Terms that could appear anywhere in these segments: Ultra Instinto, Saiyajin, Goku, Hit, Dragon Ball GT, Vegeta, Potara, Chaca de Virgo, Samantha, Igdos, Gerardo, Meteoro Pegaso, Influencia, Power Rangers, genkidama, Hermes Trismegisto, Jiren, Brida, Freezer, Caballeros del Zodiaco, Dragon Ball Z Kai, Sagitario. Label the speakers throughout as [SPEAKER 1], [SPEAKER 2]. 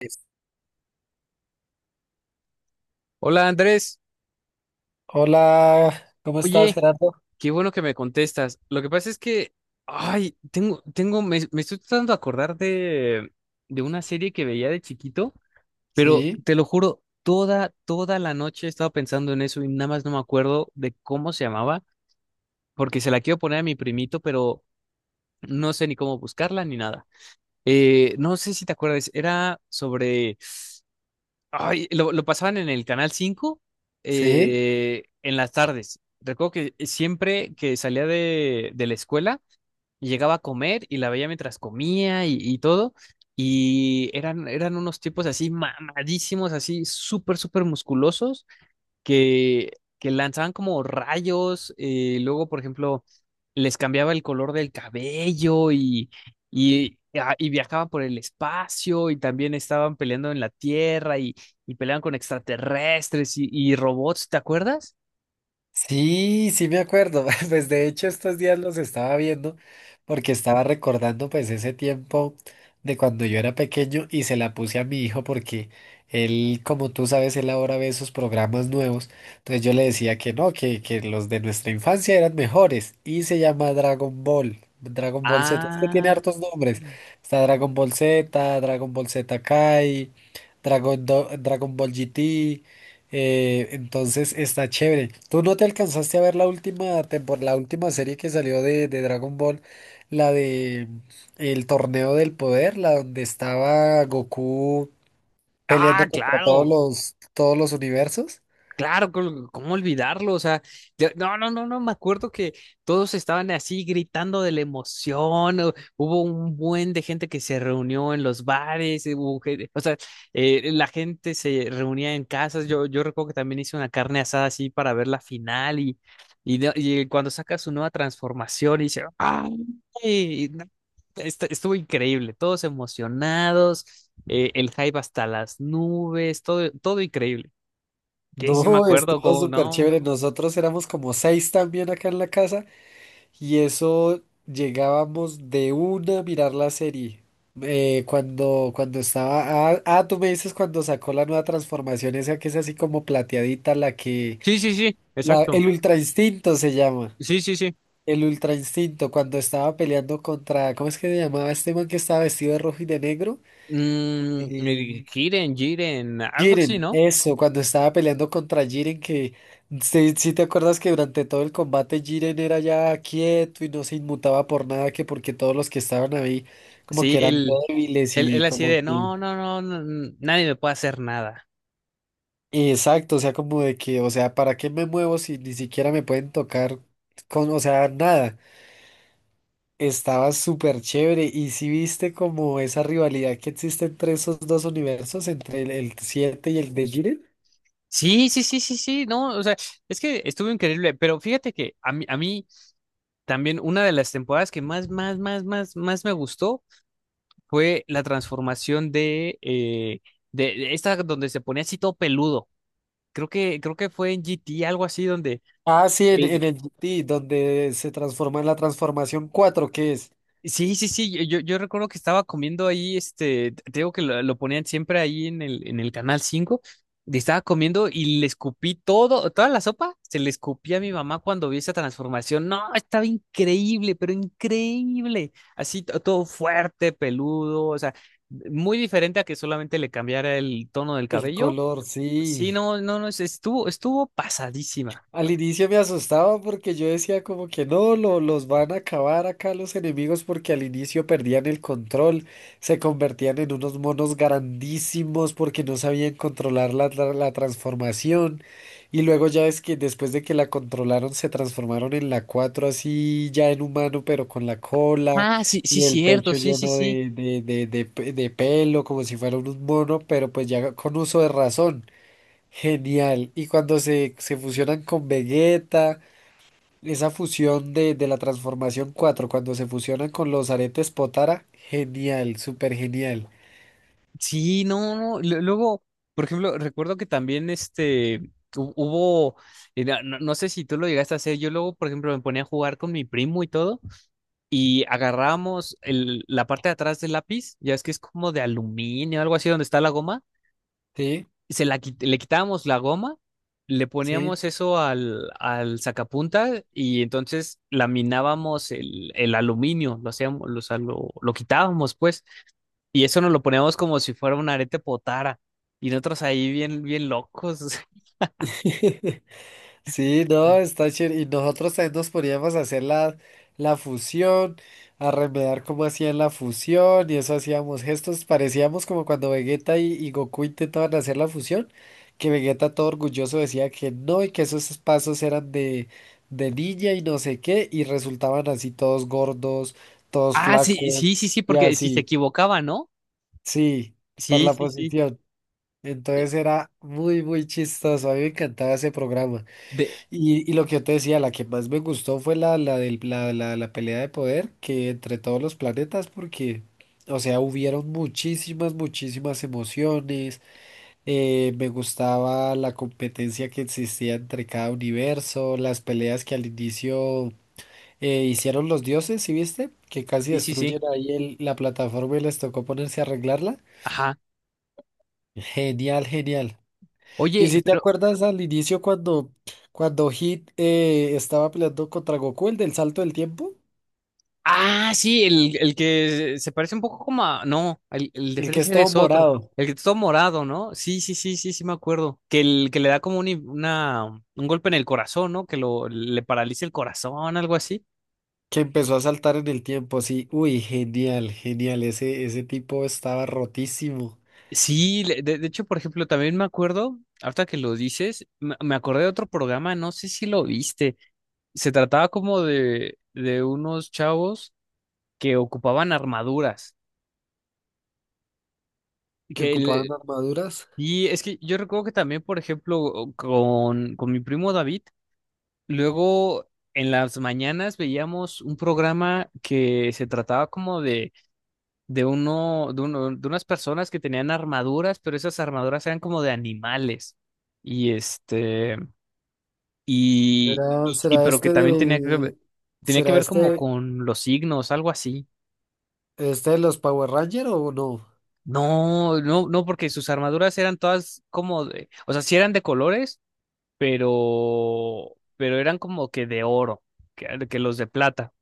[SPEAKER 1] Listo.
[SPEAKER 2] Hola Andrés,
[SPEAKER 1] Hola, ¿cómo estás,
[SPEAKER 2] oye,
[SPEAKER 1] Gerardo?
[SPEAKER 2] qué bueno que me contestas. Lo que pasa es que, ay, me estoy tratando de acordar de una serie que veía de chiquito, pero
[SPEAKER 1] Sí,
[SPEAKER 2] te lo juro, toda la noche he estado pensando en eso y nada más no me acuerdo de cómo se llamaba, porque se la quiero poner a mi primito, pero no sé ni cómo buscarla ni nada. No sé si te acuerdas, era sobre. Ay, lo pasaban en el Canal cinco,
[SPEAKER 1] sí,
[SPEAKER 2] en las tardes. Recuerdo que siempre que salía de la escuela, llegaba a comer y la veía mientras comía y todo. Y eran unos tipos así mamadísimos, así súper musculosos que, que lanzaban como rayos, luego, por ejemplo, les cambiaba el color del cabello y, ah, y viajaban por el espacio y también estaban peleando en la Tierra y peleaban con extraterrestres y robots, ¿te acuerdas?
[SPEAKER 1] Sí, me acuerdo. Pues de hecho estos días los estaba viendo porque estaba recordando pues ese tiempo de cuando yo era pequeño y se la puse a mi hijo porque él, como tú sabes, él ahora ve esos programas nuevos. Entonces yo le decía que no, que los de nuestra infancia eran mejores y se llama Dragon Ball. Dragon Ball Z, es que tiene
[SPEAKER 2] Ah,
[SPEAKER 1] hartos nombres. Está Dragon Ball Z, Dragon Ball Z Kai, Dragon Ball GT. Entonces está chévere. ¿Tú no te alcanzaste a ver la última temporada la última serie que salió de Dragon Ball? La de el torneo del poder, la donde estaba Goku peleando contra todos
[SPEAKER 2] claro.
[SPEAKER 1] todos los universos.
[SPEAKER 2] Claro, ¿cómo olvidarlo? O sea, no, no, no, no, me acuerdo que todos estaban así gritando de la emoción, hubo un buen de gente que se reunió en los bares, hubo o sea, la gente se reunía en casas, yo recuerdo que también hice una carne asada así para ver la final y, y cuando saca su nueva transformación y dice, ¡ay! No, estuvo increíble, todos emocionados, el hype hasta las nubes, todo increíble. Sí, sí me
[SPEAKER 1] No,
[SPEAKER 2] acuerdo,
[SPEAKER 1] estuvo
[SPEAKER 2] como
[SPEAKER 1] súper
[SPEAKER 2] no.
[SPEAKER 1] chévere. Nosotros éramos como seis también acá en la casa. Y eso llegábamos de una a mirar la serie. Cuando, cuando estaba. Tú me dices cuando sacó la nueva transformación, esa que es así como plateadita, la que.
[SPEAKER 2] Sí, sí, sí,
[SPEAKER 1] La,
[SPEAKER 2] exacto.
[SPEAKER 1] el Ultra Instinto se llama.
[SPEAKER 2] Sí, sí, sí.
[SPEAKER 1] El Ultra Instinto, cuando estaba peleando contra. ¿Cómo es que se llamaba este man que estaba vestido de rojo y de negro?
[SPEAKER 2] Mm,
[SPEAKER 1] Eh,
[SPEAKER 2] el Jiren, Jiren, algo así,
[SPEAKER 1] Jiren,
[SPEAKER 2] ¿no?
[SPEAKER 1] eso, cuando estaba peleando contra Jiren, que si te acuerdas que durante todo el combate Jiren era ya quieto y no se inmutaba por nada, que porque todos los que estaban ahí como
[SPEAKER 2] Sí,
[SPEAKER 1] que eran
[SPEAKER 2] él,
[SPEAKER 1] débiles
[SPEAKER 2] él,
[SPEAKER 1] y
[SPEAKER 2] él así
[SPEAKER 1] como
[SPEAKER 2] de,
[SPEAKER 1] que...
[SPEAKER 2] no, no, no, no, nadie me puede hacer nada.
[SPEAKER 1] Exacto, o sea, como de que, o sea, ¿para qué me muevo si ni siquiera me pueden tocar con, o sea, nada? Estaba súper chévere y si viste como esa rivalidad que existe entre esos dos universos, entre el 7 y el de Jiren.
[SPEAKER 2] Sí, sí, sí, sí, sí, no, o sea, es que estuvo increíble, pero fíjate que a mí también una de las temporadas que más me gustó fue la transformación de, de esta donde se ponía así todo peludo. Creo que fue en GT, algo así, donde...
[SPEAKER 1] Ah, sí,
[SPEAKER 2] eh,
[SPEAKER 1] en el GT, donde se transforma en la transformación 4 que es
[SPEAKER 2] sí, sí, sí, yo recuerdo que estaba comiendo ahí, este, te digo que lo ponían siempre ahí en en el canal 5. Y estaba comiendo y le escupí todo, toda la sopa, se le escupí a mi mamá cuando vi esa transformación, no, estaba increíble, pero increíble, así todo fuerte, peludo, o sea, muy diferente a que solamente le cambiara el tono del
[SPEAKER 1] el
[SPEAKER 2] cabello,
[SPEAKER 1] color,
[SPEAKER 2] sí,
[SPEAKER 1] sí.
[SPEAKER 2] no, no, no, estuvo, estuvo pasadísima.
[SPEAKER 1] Al inicio me asustaba porque yo decía como que no, los van a acabar acá los enemigos porque al inicio perdían el control, se convertían en unos monos grandísimos porque no sabían controlar la transformación y luego ya es que después de que la controlaron se transformaron en la 4 así ya en humano pero con la cola
[SPEAKER 2] Ah, sí, sí,
[SPEAKER 1] y el
[SPEAKER 2] cierto,
[SPEAKER 1] pecho
[SPEAKER 2] sí, sí,
[SPEAKER 1] lleno
[SPEAKER 2] sí.
[SPEAKER 1] de pelo como si fuera un mono pero pues ya con uso de razón. Genial. Y cuando se fusionan con Vegeta, esa fusión de la transformación 4 cuando se fusionan con los aretes Potara, genial, súper genial.
[SPEAKER 2] Sí, no, no. Luego, por ejemplo, recuerdo que también este hubo, no, no sé si tú lo llegaste a hacer. Yo luego, por ejemplo, me ponía a jugar con mi primo y todo, y agarrábamos la parte de atrás del lápiz, ya es que es como de aluminio, algo así donde está la goma,
[SPEAKER 1] Sí,
[SPEAKER 2] y se la le quitábamos la goma, le
[SPEAKER 1] sí.
[SPEAKER 2] poníamos eso al, al sacapunta, y entonces laminábamos el aluminio, lo hacíamos, lo, o sea, lo quitábamos, pues. Y eso nos lo poníamos como si fuera un arete potara. Y nosotros ahí bien, bien locos.
[SPEAKER 1] Sí, no, está chévere. Y nosotros también nos poníamos a hacer la fusión, a remedar cómo hacían la fusión, y eso hacíamos gestos. Parecíamos como cuando Vegeta y Goku intentaban hacer la fusión, que Vegeta todo orgulloso decía que no y que esos pasos eran de niña y no sé qué, y resultaban así todos gordos, todos
[SPEAKER 2] Ah, sí,
[SPEAKER 1] flacos,
[SPEAKER 2] sí, sí, sí,
[SPEAKER 1] y
[SPEAKER 2] porque si se
[SPEAKER 1] así,
[SPEAKER 2] equivocaba, ¿no?
[SPEAKER 1] sí, por
[SPEAKER 2] Sí,
[SPEAKER 1] la
[SPEAKER 2] sí, sí.
[SPEAKER 1] posición. Entonces era muy, muy chistoso. A mí me encantaba ese programa.
[SPEAKER 2] De...
[SPEAKER 1] Y lo que yo te decía, la que más me gustó fue la, la, del, la pelea de poder que entre todos los planetas, porque, o sea, hubieron muchísimas, muchísimas emociones. Me gustaba la competencia que existía entre cada universo, las peleas que al inicio hicieron los dioses, ¿sí viste? Que casi
[SPEAKER 2] Sí, sí,
[SPEAKER 1] destruyen
[SPEAKER 2] sí.
[SPEAKER 1] ahí el- la plataforma y les tocó ponerse a arreglarla.
[SPEAKER 2] Ajá.
[SPEAKER 1] Genial, genial. Y
[SPEAKER 2] Oye,
[SPEAKER 1] si te
[SPEAKER 2] pero.
[SPEAKER 1] acuerdas al inicio cuando Hit estaba peleando contra Goku, el del salto del tiempo,
[SPEAKER 2] Ah, sí, el que se parece un poco como a. No, el de
[SPEAKER 1] el que
[SPEAKER 2] Freezer
[SPEAKER 1] estaba
[SPEAKER 2] es otro.
[SPEAKER 1] morado,
[SPEAKER 2] El que está todo morado, ¿no? Sí, sí, sí, sí, sí, me acuerdo. Que el que le da como un, una, un golpe en el corazón, ¿no? Que lo, le paraliza el corazón, algo así.
[SPEAKER 1] que empezó a saltar en el tiempo, sí, uy, genial, genial, ese tipo estaba rotísimo,
[SPEAKER 2] Sí, de hecho, por ejemplo, también me acuerdo, ahorita que lo dices, me acordé de otro programa, no sé si lo viste. Se trataba como de unos chavos que ocupaban armaduras.
[SPEAKER 1] que
[SPEAKER 2] Que le-
[SPEAKER 1] ocupaban armaduras.
[SPEAKER 2] y es que yo recuerdo que también, por ejemplo, con mi primo David, luego en las mañanas veíamos un programa que se trataba como de, de unas personas que tenían armaduras, pero esas armaduras eran como de animales. Y este. Y,
[SPEAKER 1] ¿Será, será
[SPEAKER 2] pero que
[SPEAKER 1] este
[SPEAKER 2] también
[SPEAKER 1] de,
[SPEAKER 2] tenía que
[SPEAKER 1] será
[SPEAKER 2] ver como
[SPEAKER 1] este,
[SPEAKER 2] con los signos, algo así.
[SPEAKER 1] ¿Este de los Power Rangers o no?
[SPEAKER 2] No, no, no, porque sus armaduras eran todas como de, o sea, sí eran de colores, pero eran como que de oro, que los de plata,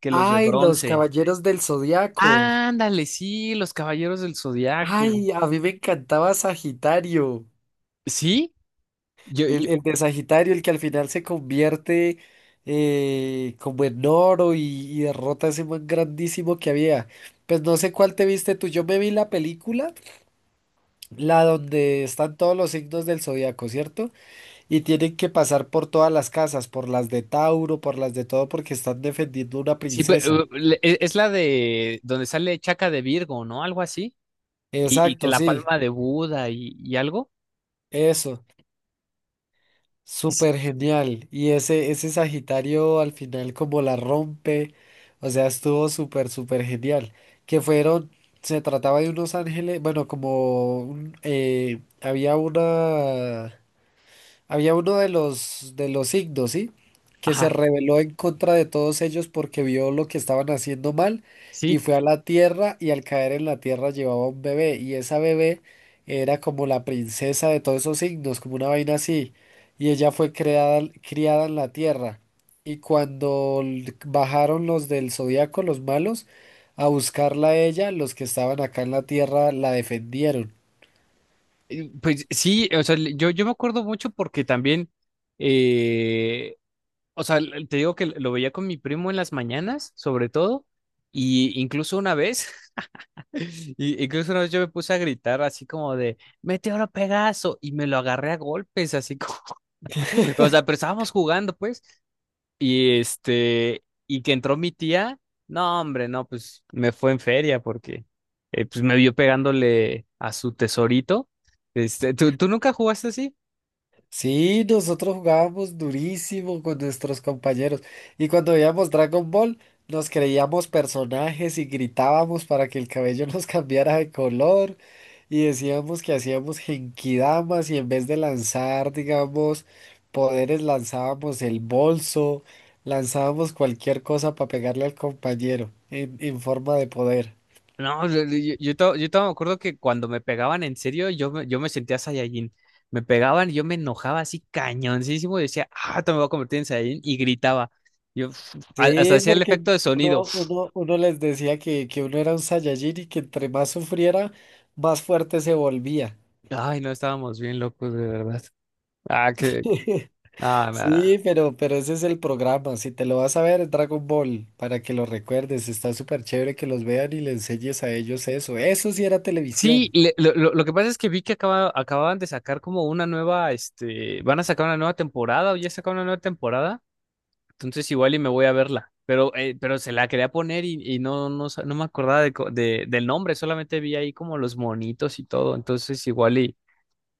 [SPEAKER 2] que los de
[SPEAKER 1] Ay, los
[SPEAKER 2] bronce.
[SPEAKER 1] Caballeros del Zodiaco.
[SPEAKER 2] Ándale, sí, los Caballeros del Zodiaco.
[SPEAKER 1] Ay, a mí me encantaba Sagitario.
[SPEAKER 2] ¿Sí? Yo,
[SPEAKER 1] El de Sagitario, el que al final se convierte como en oro y derrota a ese man grandísimo que había. Pues no sé cuál te viste tú. Yo me vi la película, la donde están todos los signos del zodiaco, ¿cierto? Y tienen que pasar por todas las casas, por las de Tauro, por las de todo, porque están defendiendo una
[SPEAKER 2] sí,
[SPEAKER 1] princesa.
[SPEAKER 2] pero, es la de donde sale Chaca de Virgo, ¿no? Algo así. Y que
[SPEAKER 1] Exacto,
[SPEAKER 2] la
[SPEAKER 1] sí,
[SPEAKER 2] palma de Buda y algo.
[SPEAKER 1] eso.
[SPEAKER 2] Es-
[SPEAKER 1] Súper genial. Ese Sagitario al final como la rompe, o sea, estuvo súper, súper genial. Que fueron, se trataba de unos ángeles, bueno, como un- había una... Había uno de los Igdos, ¿sí? Que se
[SPEAKER 2] Ajá.
[SPEAKER 1] rebeló en contra de todos ellos porque vio lo que estaban haciendo mal y
[SPEAKER 2] Sí,
[SPEAKER 1] fue a la tierra y al caer en la tierra llevaba un bebé y esa bebé era como la princesa de todos esos Igdos, como una vaina así. Y ella fue creada, criada en la tierra. Y cuando l- bajaron los del zodiaco los malos, a buscarla a ella, los que estaban acá en la tierra la defendieron.
[SPEAKER 2] pues sí, o sea, yo, yo me acuerdo mucho porque también, eh, o sea, te digo que lo veía con mi primo en las mañanas, sobre todo, y incluso una vez, incluso una vez yo me puse a gritar así como de, Meteoro Pegaso, y me lo agarré a golpes, así como, o sea, pero estábamos jugando, pues. Y este, y que entró mi tía, no, hombre, no, pues me fue en feria porque pues me vio pegándole a su tesorito. Este, tú nunca jugaste así?
[SPEAKER 1] Sí, nosotros jugábamos durísimo con nuestros compañeros y cuando veíamos Dragon Ball nos creíamos personajes y gritábamos para que el cabello nos cambiara de color y decíamos que hacíamos genkidamas y en vez de lanzar, digamos, poderes lanzábamos el bolso, lanzábamos cualquier cosa para pegarle al compañero en forma de poder.
[SPEAKER 2] No, yo todavía me acuerdo que cuando me pegaban en serio, yo me sentía Saiyajin. Me pegaban y yo me enojaba así cañoncísimo y decía, ah, te me voy a convertir en Saiyajin y gritaba. Yo "Uf", hasta
[SPEAKER 1] Sí,
[SPEAKER 2] hacía el
[SPEAKER 1] porque
[SPEAKER 2] efecto de sonido. "Uf".
[SPEAKER 1] uno les decía que uno era un Saiyajin y que entre más sufriera, más fuerte se volvía.
[SPEAKER 2] Ay, no estábamos bien locos, de verdad. Ah, que, nada,
[SPEAKER 1] Sí,
[SPEAKER 2] nada.
[SPEAKER 1] pero ese es el programa. Si te lo vas a ver, es Dragon Ball, para que lo recuerdes. Está súper chévere que los vean y le enseñes a ellos eso. Eso sí era
[SPEAKER 2] Sí,
[SPEAKER 1] televisión.
[SPEAKER 2] lo que pasa es que vi que acababan de sacar como una nueva, este, van a sacar una nueva temporada o ya sacaron una nueva temporada, entonces igual y me voy a verla, pero se la quería poner y no, no, no me acordaba de, del nombre, solamente vi ahí como los monitos y todo, entonces igual y,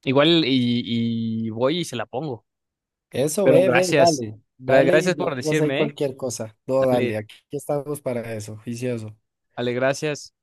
[SPEAKER 2] igual y voy y se la pongo,
[SPEAKER 1] Eso,
[SPEAKER 2] pero
[SPEAKER 1] ve,
[SPEAKER 2] gracias.
[SPEAKER 1] dale. Dale y
[SPEAKER 2] Gracias
[SPEAKER 1] me
[SPEAKER 2] por
[SPEAKER 1] avisas ahí
[SPEAKER 2] decirme, ¿eh?
[SPEAKER 1] cualquier cosa. No, dale,
[SPEAKER 2] Dale,
[SPEAKER 1] aquí estamos para eso, juicioso.
[SPEAKER 2] dale, gracias.